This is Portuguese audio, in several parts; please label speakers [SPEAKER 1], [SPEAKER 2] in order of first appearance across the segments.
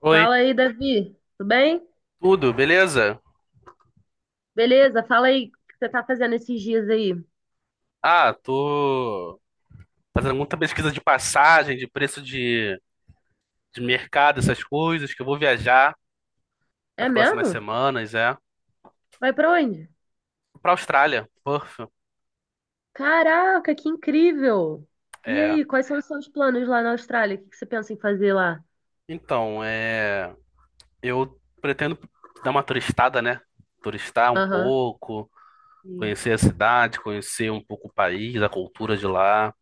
[SPEAKER 1] Oi,
[SPEAKER 2] Fala aí, Davi. Tudo bem?
[SPEAKER 1] tudo, beleza?
[SPEAKER 2] Beleza, fala aí o que você tá fazendo esses dias aí.
[SPEAKER 1] Tô fazendo muita pesquisa de passagem, de preço de mercado, essas coisas, que eu vou viajar
[SPEAKER 2] É
[SPEAKER 1] nas próximas
[SPEAKER 2] mesmo?
[SPEAKER 1] semanas, é.
[SPEAKER 2] Vai pra onde?
[SPEAKER 1] Pra Austrália, Perth,
[SPEAKER 2] Caraca, que incrível! E
[SPEAKER 1] é.
[SPEAKER 2] aí, quais são os seus planos lá na Austrália? O que que você pensa em fazer lá?
[SPEAKER 1] Então, é. Eu pretendo dar uma turistada, né? Turistar um
[SPEAKER 2] Aham,
[SPEAKER 1] pouco,
[SPEAKER 2] sim.
[SPEAKER 1] conhecer a cidade, conhecer um pouco o país, a cultura de lá,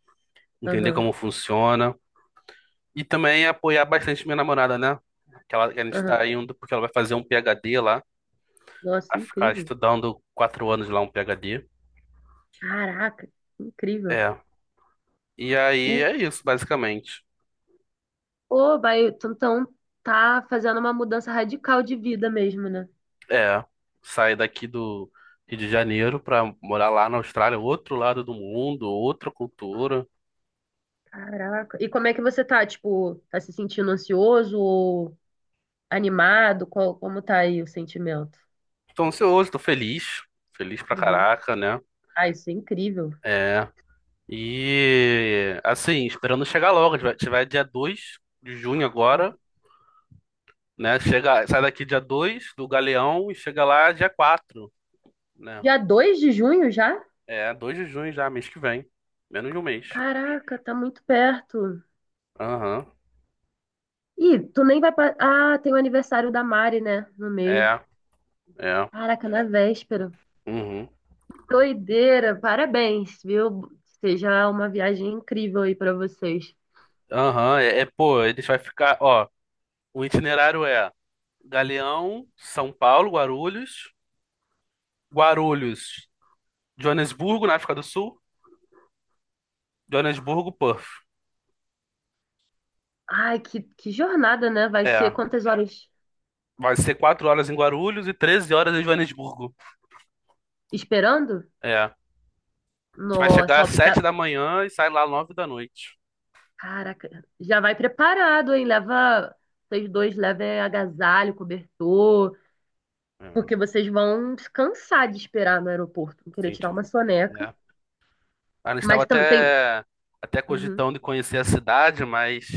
[SPEAKER 1] entender
[SPEAKER 2] Aham,
[SPEAKER 1] como funciona. E também apoiar bastante minha namorada, né? Que a gente
[SPEAKER 2] aham.
[SPEAKER 1] tá indo porque ela vai fazer um PhD lá. A
[SPEAKER 2] Nossa,
[SPEAKER 1] ficar
[SPEAKER 2] incrível.
[SPEAKER 1] estudando 4 anos lá um PhD.
[SPEAKER 2] Caraca, incrível.
[SPEAKER 1] É. E aí
[SPEAKER 2] Uh,
[SPEAKER 1] é isso, basicamente.
[SPEAKER 2] Pô, vai, tu então tá fazendo uma mudança radical de vida mesmo, né?
[SPEAKER 1] É. Sair daqui do Rio de Janeiro pra morar lá na Austrália, outro lado do mundo, outra cultura.
[SPEAKER 2] Caraca. E como é que você tá? Tipo, tá se sentindo ansioso ou animado? Como tá aí o sentimento?
[SPEAKER 1] Tô ansioso, tô feliz. Feliz pra
[SPEAKER 2] Uhum.
[SPEAKER 1] caraca, né?
[SPEAKER 2] Ah, isso é incrível.
[SPEAKER 1] É. E assim, esperando chegar logo. A gente vai dia 2 de junho agora, né? Chega, sai daqui dia 2 do Galeão e chega lá dia 4, né?
[SPEAKER 2] Dia 2 de junho já?
[SPEAKER 1] É, 2 de junho já, mês que vem. Menos de um mês.
[SPEAKER 2] Caraca, tá muito perto.
[SPEAKER 1] Aham.
[SPEAKER 2] Ih, tu nem vai. Ah, tem o aniversário da Mari, né? No meio.
[SPEAKER 1] É, é.
[SPEAKER 2] Caraca, na véspera.
[SPEAKER 1] Uhum.
[SPEAKER 2] Que doideira. Parabéns, viu? Seja uma viagem incrível aí pra vocês.
[SPEAKER 1] Aham, pô, eles vai ficar, ó, o itinerário é Galeão, São Paulo, Guarulhos, Guarulhos, Joanesburgo, na África do Sul, Joanesburgo, Perth.
[SPEAKER 2] Ai, que jornada, né? Vai ser
[SPEAKER 1] É,
[SPEAKER 2] quantas horas
[SPEAKER 1] vai ser 4 horas em Guarulhos e 13 horas em Joanesburgo.
[SPEAKER 2] esperando?
[SPEAKER 1] É, a gente vai chegar
[SPEAKER 2] Nossa,
[SPEAKER 1] às
[SPEAKER 2] ó,
[SPEAKER 1] 7
[SPEAKER 2] já,
[SPEAKER 1] da manhã e sai lá 9 da noite.
[SPEAKER 2] caraca. Já vai preparado, hein? Leva. Vocês dois levem agasalho, cobertor.
[SPEAKER 1] É,
[SPEAKER 2] Porque vocês vão se cansar de esperar no aeroporto, vão querer
[SPEAKER 1] 20,
[SPEAKER 2] tirar uma soneca.
[SPEAKER 1] é. A gente estava
[SPEAKER 2] Mas também tem.
[SPEAKER 1] até
[SPEAKER 2] Uhum.
[SPEAKER 1] cogitando de conhecer a cidade, mas,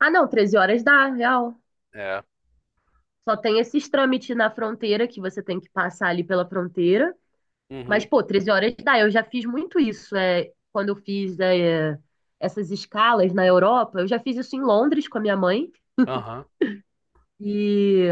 [SPEAKER 2] Ah, não, 13 horas dá, real.
[SPEAKER 1] é,
[SPEAKER 2] Só tem esses trâmites na fronteira que você tem que passar ali pela fronteira.
[SPEAKER 1] uhum,
[SPEAKER 2] Mas, pô, 13 horas dá. Eu já fiz muito isso. É, quando eu fiz essas escalas na Europa, eu já fiz isso em Londres com a minha mãe.
[SPEAKER 1] aham,
[SPEAKER 2] E.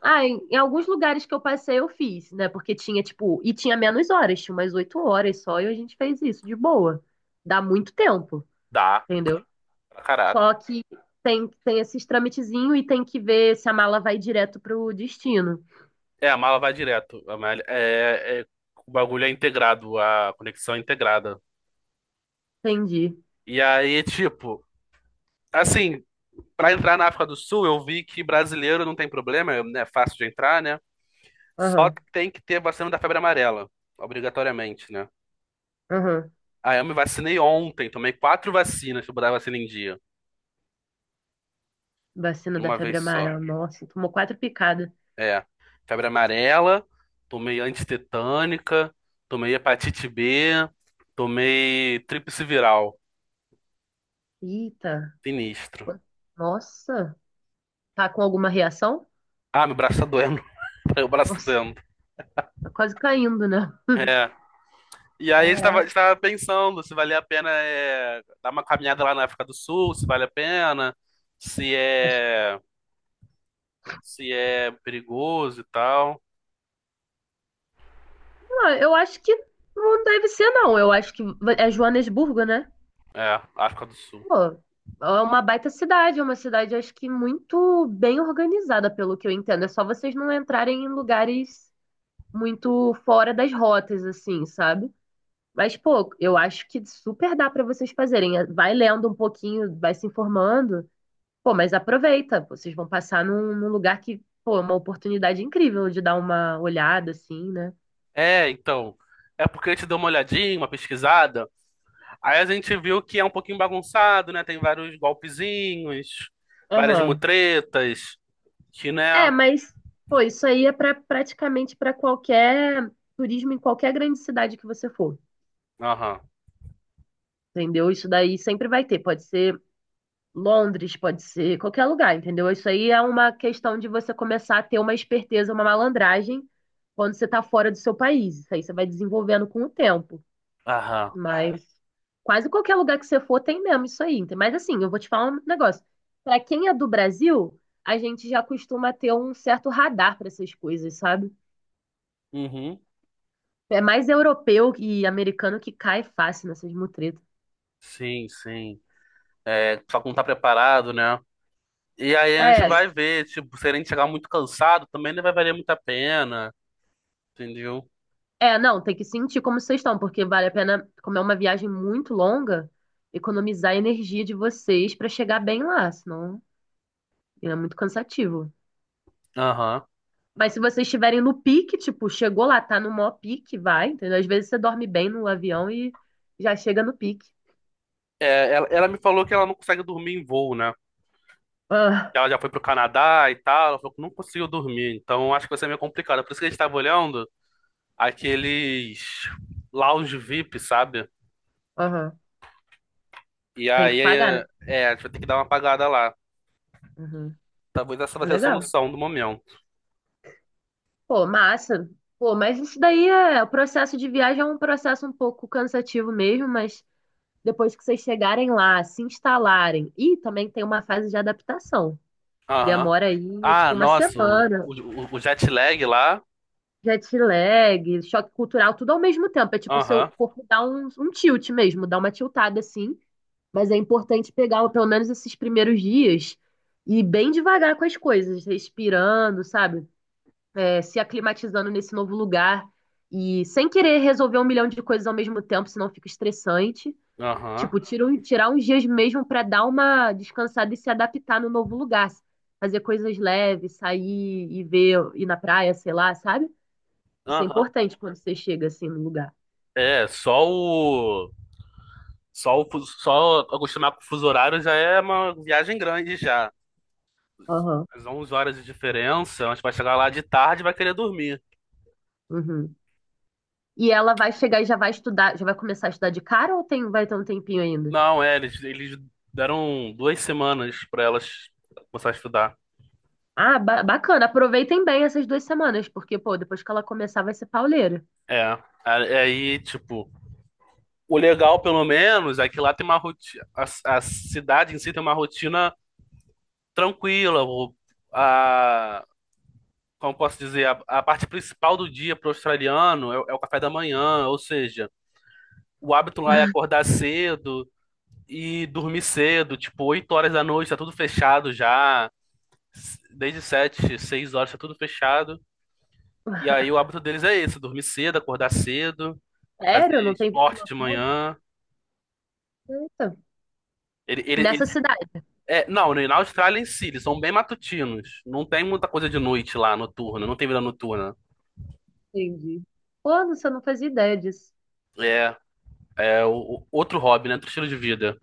[SPEAKER 2] Ah, em alguns lugares que eu passei, eu fiz, né? Porque tinha, tipo. E tinha menos horas, tinha umas 8 horas só, e a gente fez isso de boa. Dá muito tempo.
[SPEAKER 1] dá,
[SPEAKER 2] Entendeu?
[SPEAKER 1] pra caraca.
[SPEAKER 2] Só que tem esses trâmitezinho e tem que ver se a mala vai direto pro destino.
[SPEAKER 1] É, a mala vai direto. A malha- é, é- O bagulho é integrado, a conexão é integrada.
[SPEAKER 2] Entendi.
[SPEAKER 1] E aí, tipo, assim, pra entrar na África do Sul, eu vi que brasileiro não tem problema, é né, fácil de entrar, né? Só
[SPEAKER 2] Aham,
[SPEAKER 1] que tem que ter vacina da febre amarela, obrigatoriamente, né?
[SPEAKER 2] aham.
[SPEAKER 1] Aí eu me vacinei ontem, tomei 4 vacinas pra botar a vacina em dia,
[SPEAKER 2] Vacina
[SPEAKER 1] de
[SPEAKER 2] da
[SPEAKER 1] uma
[SPEAKER 2] febre
[SPEAKER 1] vez só.
[SPEAKER 2] amarela. Nossa, tomou quatro picadas.
[SPEAKER 1] É, febre amarela, tomei antitetânica, tomei hepatite B, tomei tríplice viral,
[SPEAKER 2] Eita.
[SPEAKER 1] sinistro.
[SPEAKER 2] qu- Nossa. Tá com alguma reação?
[SPEAKER 1] Ah, meu braço tá doendo. Meu braço tá
[SPEAKER 2] Nossa,
[SPEAKER 1] doendo.
[SPEAKER 2] tá quase caindo, né?
[SPEAKER 1] É. E aí a
[SPEAKER 2] Caraca.
[SPEAKER 1] gente tava pensando se valia a pena é, dar uma caminhada lá na África do Sul, se vale a pena, se
[SPEAKER 2] Acho-
[SPEAKER 1] é, se é perigoso e tal.
[SPEAKER 2] Ah, eu acho que não deve ser, não. Eu acho que é Joanesburgo, né?
[SPEAKER 1] É, África do Sul.
[SPEAKER 2] Pô, é uma baita cidade. É uma cidade, acho que muito bem organizada, pelo que eu entendo. É só vocês não entrarem em lugares muito fora das rotas, assim, sabe? Mas, pô, eu acho que super dá pra vocês fazerem. É, vai lendo um pouquinho, vai se informando. Pô, mas aproveita. Vocês vão passar num lugar que, pô, é uma oportunidade incrível de dar uma olhada, assim, né?
[SPEAKER 1] É, então. É porque a gente deu uma olhadinha, uma pesquisada. Aí a gente viu que é um pouquinho bagunçado, né? Tem vários golpezinhos, várias
[SPEAKER 2] Aham.
[SPEAKER 1] mutretas, que,
[SPEAKER 2] É,
[SPEAKER 1] né?
[SPEAKER 2] mas, pô, isso aí é praticamente para qualquer turismo em qualquer grande cidade que você for.
[SPEAKER 1] Aham.
[SPEAKER 2] Entendeu? Isso daí sempre vai ter. Pode ser. Londres pode ser qualquer lugar, entendeu? Isso aí é uma questão de você começar a ter uma esperteza, uma malandragem quando você tá fora do seu país. Isso aí você vai desenvolvendo com o tempo. É.
[SPEAKER 1] Aham.
[SPEAKER 2] Mas quase qualquer lugar que você for tem mesmo isso aí. Mas assim, eu vou te falar um negócio. Pra quem é do Brasil, a gente já costuma ter um certo radar pra essas coisas, sabe?
[SPEAKER 1] Uhum.
[SPEAKER 2] É mais europeu e americano que cai fácil nessas mutretas.
[SPEAKER 1] Sim, sim. É, só que não tá preparado, né? E aí a gente
[SPEAKER 2] É,
[SPEAKER 1] vai ver, tipo, se a gente chegar muito cansado, também não vai valer muito a pena, entendeu?
[SPEAKER 2] é, não, tem que sentir como vocês estão, porque vale a pena, como é uma viagem muito longa, economizar a energia de vocês pra chegar bem lá, senão é muito cansativo.
[SPEAKER 1] Aham.
[SPEAKER 2] Mas se vocês estiverem no pique, tipo, chegou lá, tá no maior pique, vai, entendeu? Às vezes você dorme bem no avião e já chega no pique.
[SPEAKER 1] É, ela me falou que ela não consegue dormir em voo, né?
[SPEAKER 2] Ah,
[SPEAKER 1] Que ela já foi pro Canadá e tal, ela falou que não conseguiu dormir, então acho que vai ser meio complicado. Por isso que a gente tava olhando aqueles lounge VIP, sabe?
[SPEAKER 2] aham,
[SPEAKER 1] E
[SPEAKER 2] tem que
[SPEAKER 1] aí,
[SPEAKER 2] pagar, né?
[SPEAKER 1] a gente vai ter que dar uma apagada lá.
[SPEAKER 2] Uhum.
[SPEAKER 1] Talvez essa vai
[SPEAKER 2] É
[SPEAKER 1] ser a
[SPEAKER 2] legal.
[SPEAKER 1] solução do momento.
[SPEAKER 2] Pô, massa. Pô, mas isso daí o processo de viagem é um processo um pouco cansativo mesmo, mas depois que vocês chegarem lá, se instalarem, e também tem uma fase de adaptação.
[SPEAKER 1] Aham.
[SPEAKER 2] Demora aí,
[SPEAKER 1] Ah,
[SPEAKER 2] tipo, uma
[SPEAKER 1] nossa, o,
[SPEAKER 2] semana,
[SPEAKER 1] o, o jet lag lá.
[SPEAKER 2] jet lag, choque cultural, tudo ao mesmo tempo. É tipo, o seu
[SPEAKER 1] Aham,
[SPEAKER 2] corpo dá um tilt mesmo, dá uma tiltada assim, mas é importante pegar pelo menos esses primeiros dias e ir bem devagar com as coisas, respirando, sabe? É, se aclimatizando nesse novo lugar e sem querer resolver um milhão de coisas ao mesmo tempo, senão fica estressante.
[SPEAKER 1] aham.
[SPEAKER 2] Tipo, tirar uns dias mesmo pra dar uma descansada e se adaptar no novo lugar. Fazer coisas leves, sair e ver, ir na praia, sei lá, sabe? Isso é
[SPEAKER 1] Aham.
[SPEAKER 2] importante quando você chega assim no lugar.
[SPEAKER 1] É, só o. Só acostumar com o fuso horário já é uma viagem grande já.
[SPEAKER 2] Aham.
[SPEAKER 1] As 11 horas de diferença, mas vai chegar lá de tarde e vai querer dormir.
[SPEAKER 2] Uhum. E ela vai chegar e já vai estudar, já vai começar a estudar de cara ou tem, vai ter um tempinho ainda?
[SPEAKER 1] Não, é, eles deram 2 semanas pra elas começar a estudar.
[SPEAKER 2] Ah, bacana. Aproveitem bem essas 2 semanas, porque, pô, depois que ela começar vai ser pauleira.
[SPEAKER 1] Aí, tipo, o legal, pelo menos, é que lá tem uma rotina. A cidade em si tem uma rotina tranquila. A, Como posso dizer, a parte principal do dia para o australiano é, é o café da manhã, ou seja, o hábito lá é acordar cedo e dormir cedo, tipo, 8 horas da noite, tá tudo fechado já, desde 7 6 horas tá tudo fechado. E aí o hábito deles é esse, dormir cedo, acordar cedo, fazer
[SPEAKER 2] Sério? Não tem vida
[SPEAKER 1] esporte de
[SPEAKER 2] noturna?
[SPEAKER 1] manhã.
[SPEAKER 2] Eita.
[SPEAKER 1] Ele, ele,
[SPEAKER 2] Nessa
[SPEAKER 1] eles-
[SPEAKER 2] cidade,
[SPEAKER 1] não, né, na Austrália em si, eles são bem matutinos. Não tem muita coisa de noite lá, noturna, não tem vida noturna.
[SPEAKER 2] entendi. Pô, não, você não fazia ideia disso.
[SPEAKER 1] É, é outro hobby, né? Outro estilo de vida.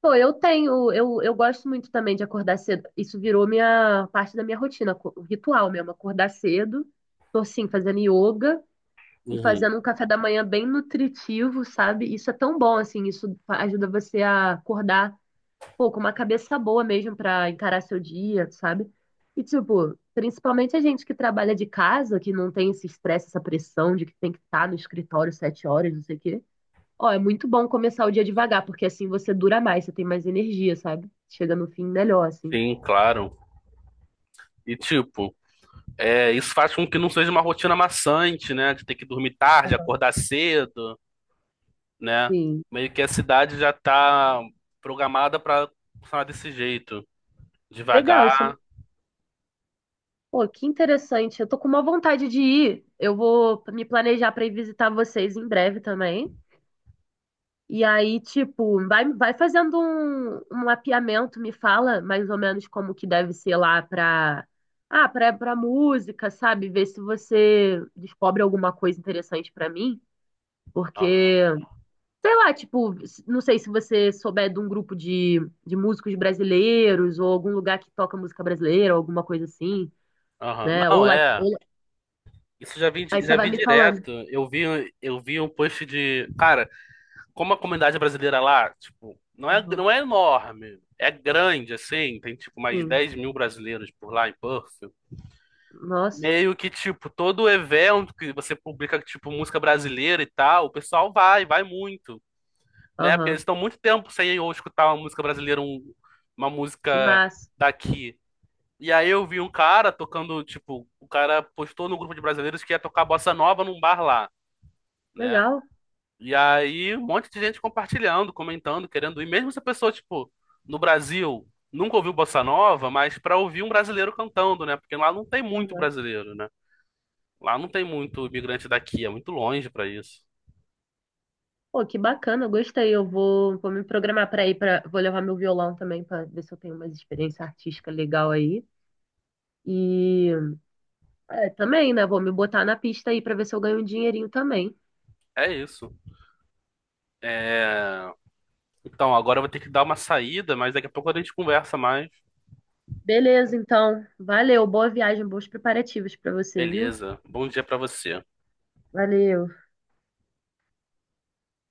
[SPEAKER 2] Pô, eu tenho, eu gosto muito também de acordar cedo. Isso virou minha parte da minha rotina, ritual mesmo, acordar cedo. Tô assim, fazendo yoga e
[SPEAKER 1] Uhum.
[SPEAKER 2] fazendo um café da manhã bem nutritivo, sabe? Isso é tão bom assim, isso ajuda você a acordar, pô, com uma cabeça boa mesmo pra encarar seu dia, sabe? E tipo, principalmente a gente que trabalha de casa, que não tem esse estresse, essa pressão de que tem que estar no escritório 7h, não sei o quê. Ó, é muito bom começar o dia devagar, porque assim você dura mais, você tem mais energia, sabe? Chega no fim melhor, assim.
[SPEAKER 1] Sim, claro. E tipo, é, isso faz com que não seja uma rotina maçante, né? De ter que dormir tarde, acordar cedo, né?
[SPEAKER 2] Sim.
[SPEAKER 1] Meio que a cidade já tá programada para funcionar desse jeito,
[SPEAKER 2] Legal, isso é
[SPEAKER 1] devagar.
[SPEAKER 2] muito... Pô, que interessante. Eu tô com uma vontade de ir. Eu vou me planejar pra ir visitar vocês em breve também. E aí, tipo, vai fazendo um mapeamento, me fala mais ou menos como que deve ser lá pra música, sabe? Ver se você descobre alguma coisa interessante pra mim,
[SPEAKER 1] Ah,
[SPEAKER 2] porque sei lá, tipo, não sei se você souber de um grupo de músicos brasileiros ou algum lugar que toca música brasileira, ou alguma coisa assim,
[SPEAKER 1] aham.
[SPEAKER 2] né? Ou
[SPEAKER 1] Não,
[SPEAKER 2] lá,
[SPEAKER 1] é.
[SPEAKER 2] ou-
[SPEAKER 1] Isso
[SPEAKER 2] aí você
[SPEAKER 1] já
[SPEAKER 2] vai
[SPEAKER 1] vi
[SPEAKER 2] me falando.
[SPEAKER 1] direto. Eu vi um post de, cara, como a comunidade brasileira lá, tipo,
[SPEAKER 2] Uhum.
[SPEAKER 1] não é enorme, é grande assim, tem tipo mais
[SPEAKER 2] Sim.
[SPEAKER 1] 10 mil brasileiros por lá em Perth.
[SPEAKER 2] Nossa.
[SPEAKER 1] Meio que, tipo, todo evento que você publica, tipo, música brasileira e tal, o pessoal vai muito, né? Porque eles
[SPEAKER 2] Aham.
[SPEAKER 1] estão muito tempo sem eu escutar uma música brasileira, uma
[SPEAKER 2] Que
[SPEAKER 1] música
[SPEAKER 2] massa.
[SPEAKER 1] daqui. E aí eu vi um cara tocando, tipo, o cara postou no grupo de brasileiros que ia tocar bossa nova num bar lá, né?
[SPEAKER 2] Legal.
[SPEAKER 1] E aí um monte de gente compartilhando, comentando, querendo ir. Mesmo se a pessoa, tipo, no Brasil nunca ouviu bossa nova, mas pra ouvir um brasileiro cantando, né? Porque lá não tem muito
[SPEAKER 2] Aham.
[SPEAKER 1] brasileiro, né? Lá não tem muito imigrante daqui, é muito longe pra isso.
[SPEAKER 2] Pô, que bacana, eu gostei. Eu vou me programar vou levar meu violão também para ver se eu tenho uma experiência artística legal aí. E é, também, né? Vou me botar na pista aí para ver se eu ganho um dinheirinho também.
[SPEAKER 1] É isso. É... Então, agora eu vou ter que dar uma saída, mas daqui a pouco a gente conversa mais.
[SPEAKER 2] Beleza, então. Valeu. Boa viagem, bons preparativos para você, viu?
[SPEAKER 1] Beleza. Bom dia pra você.
[SPEAKER 2] Valeu.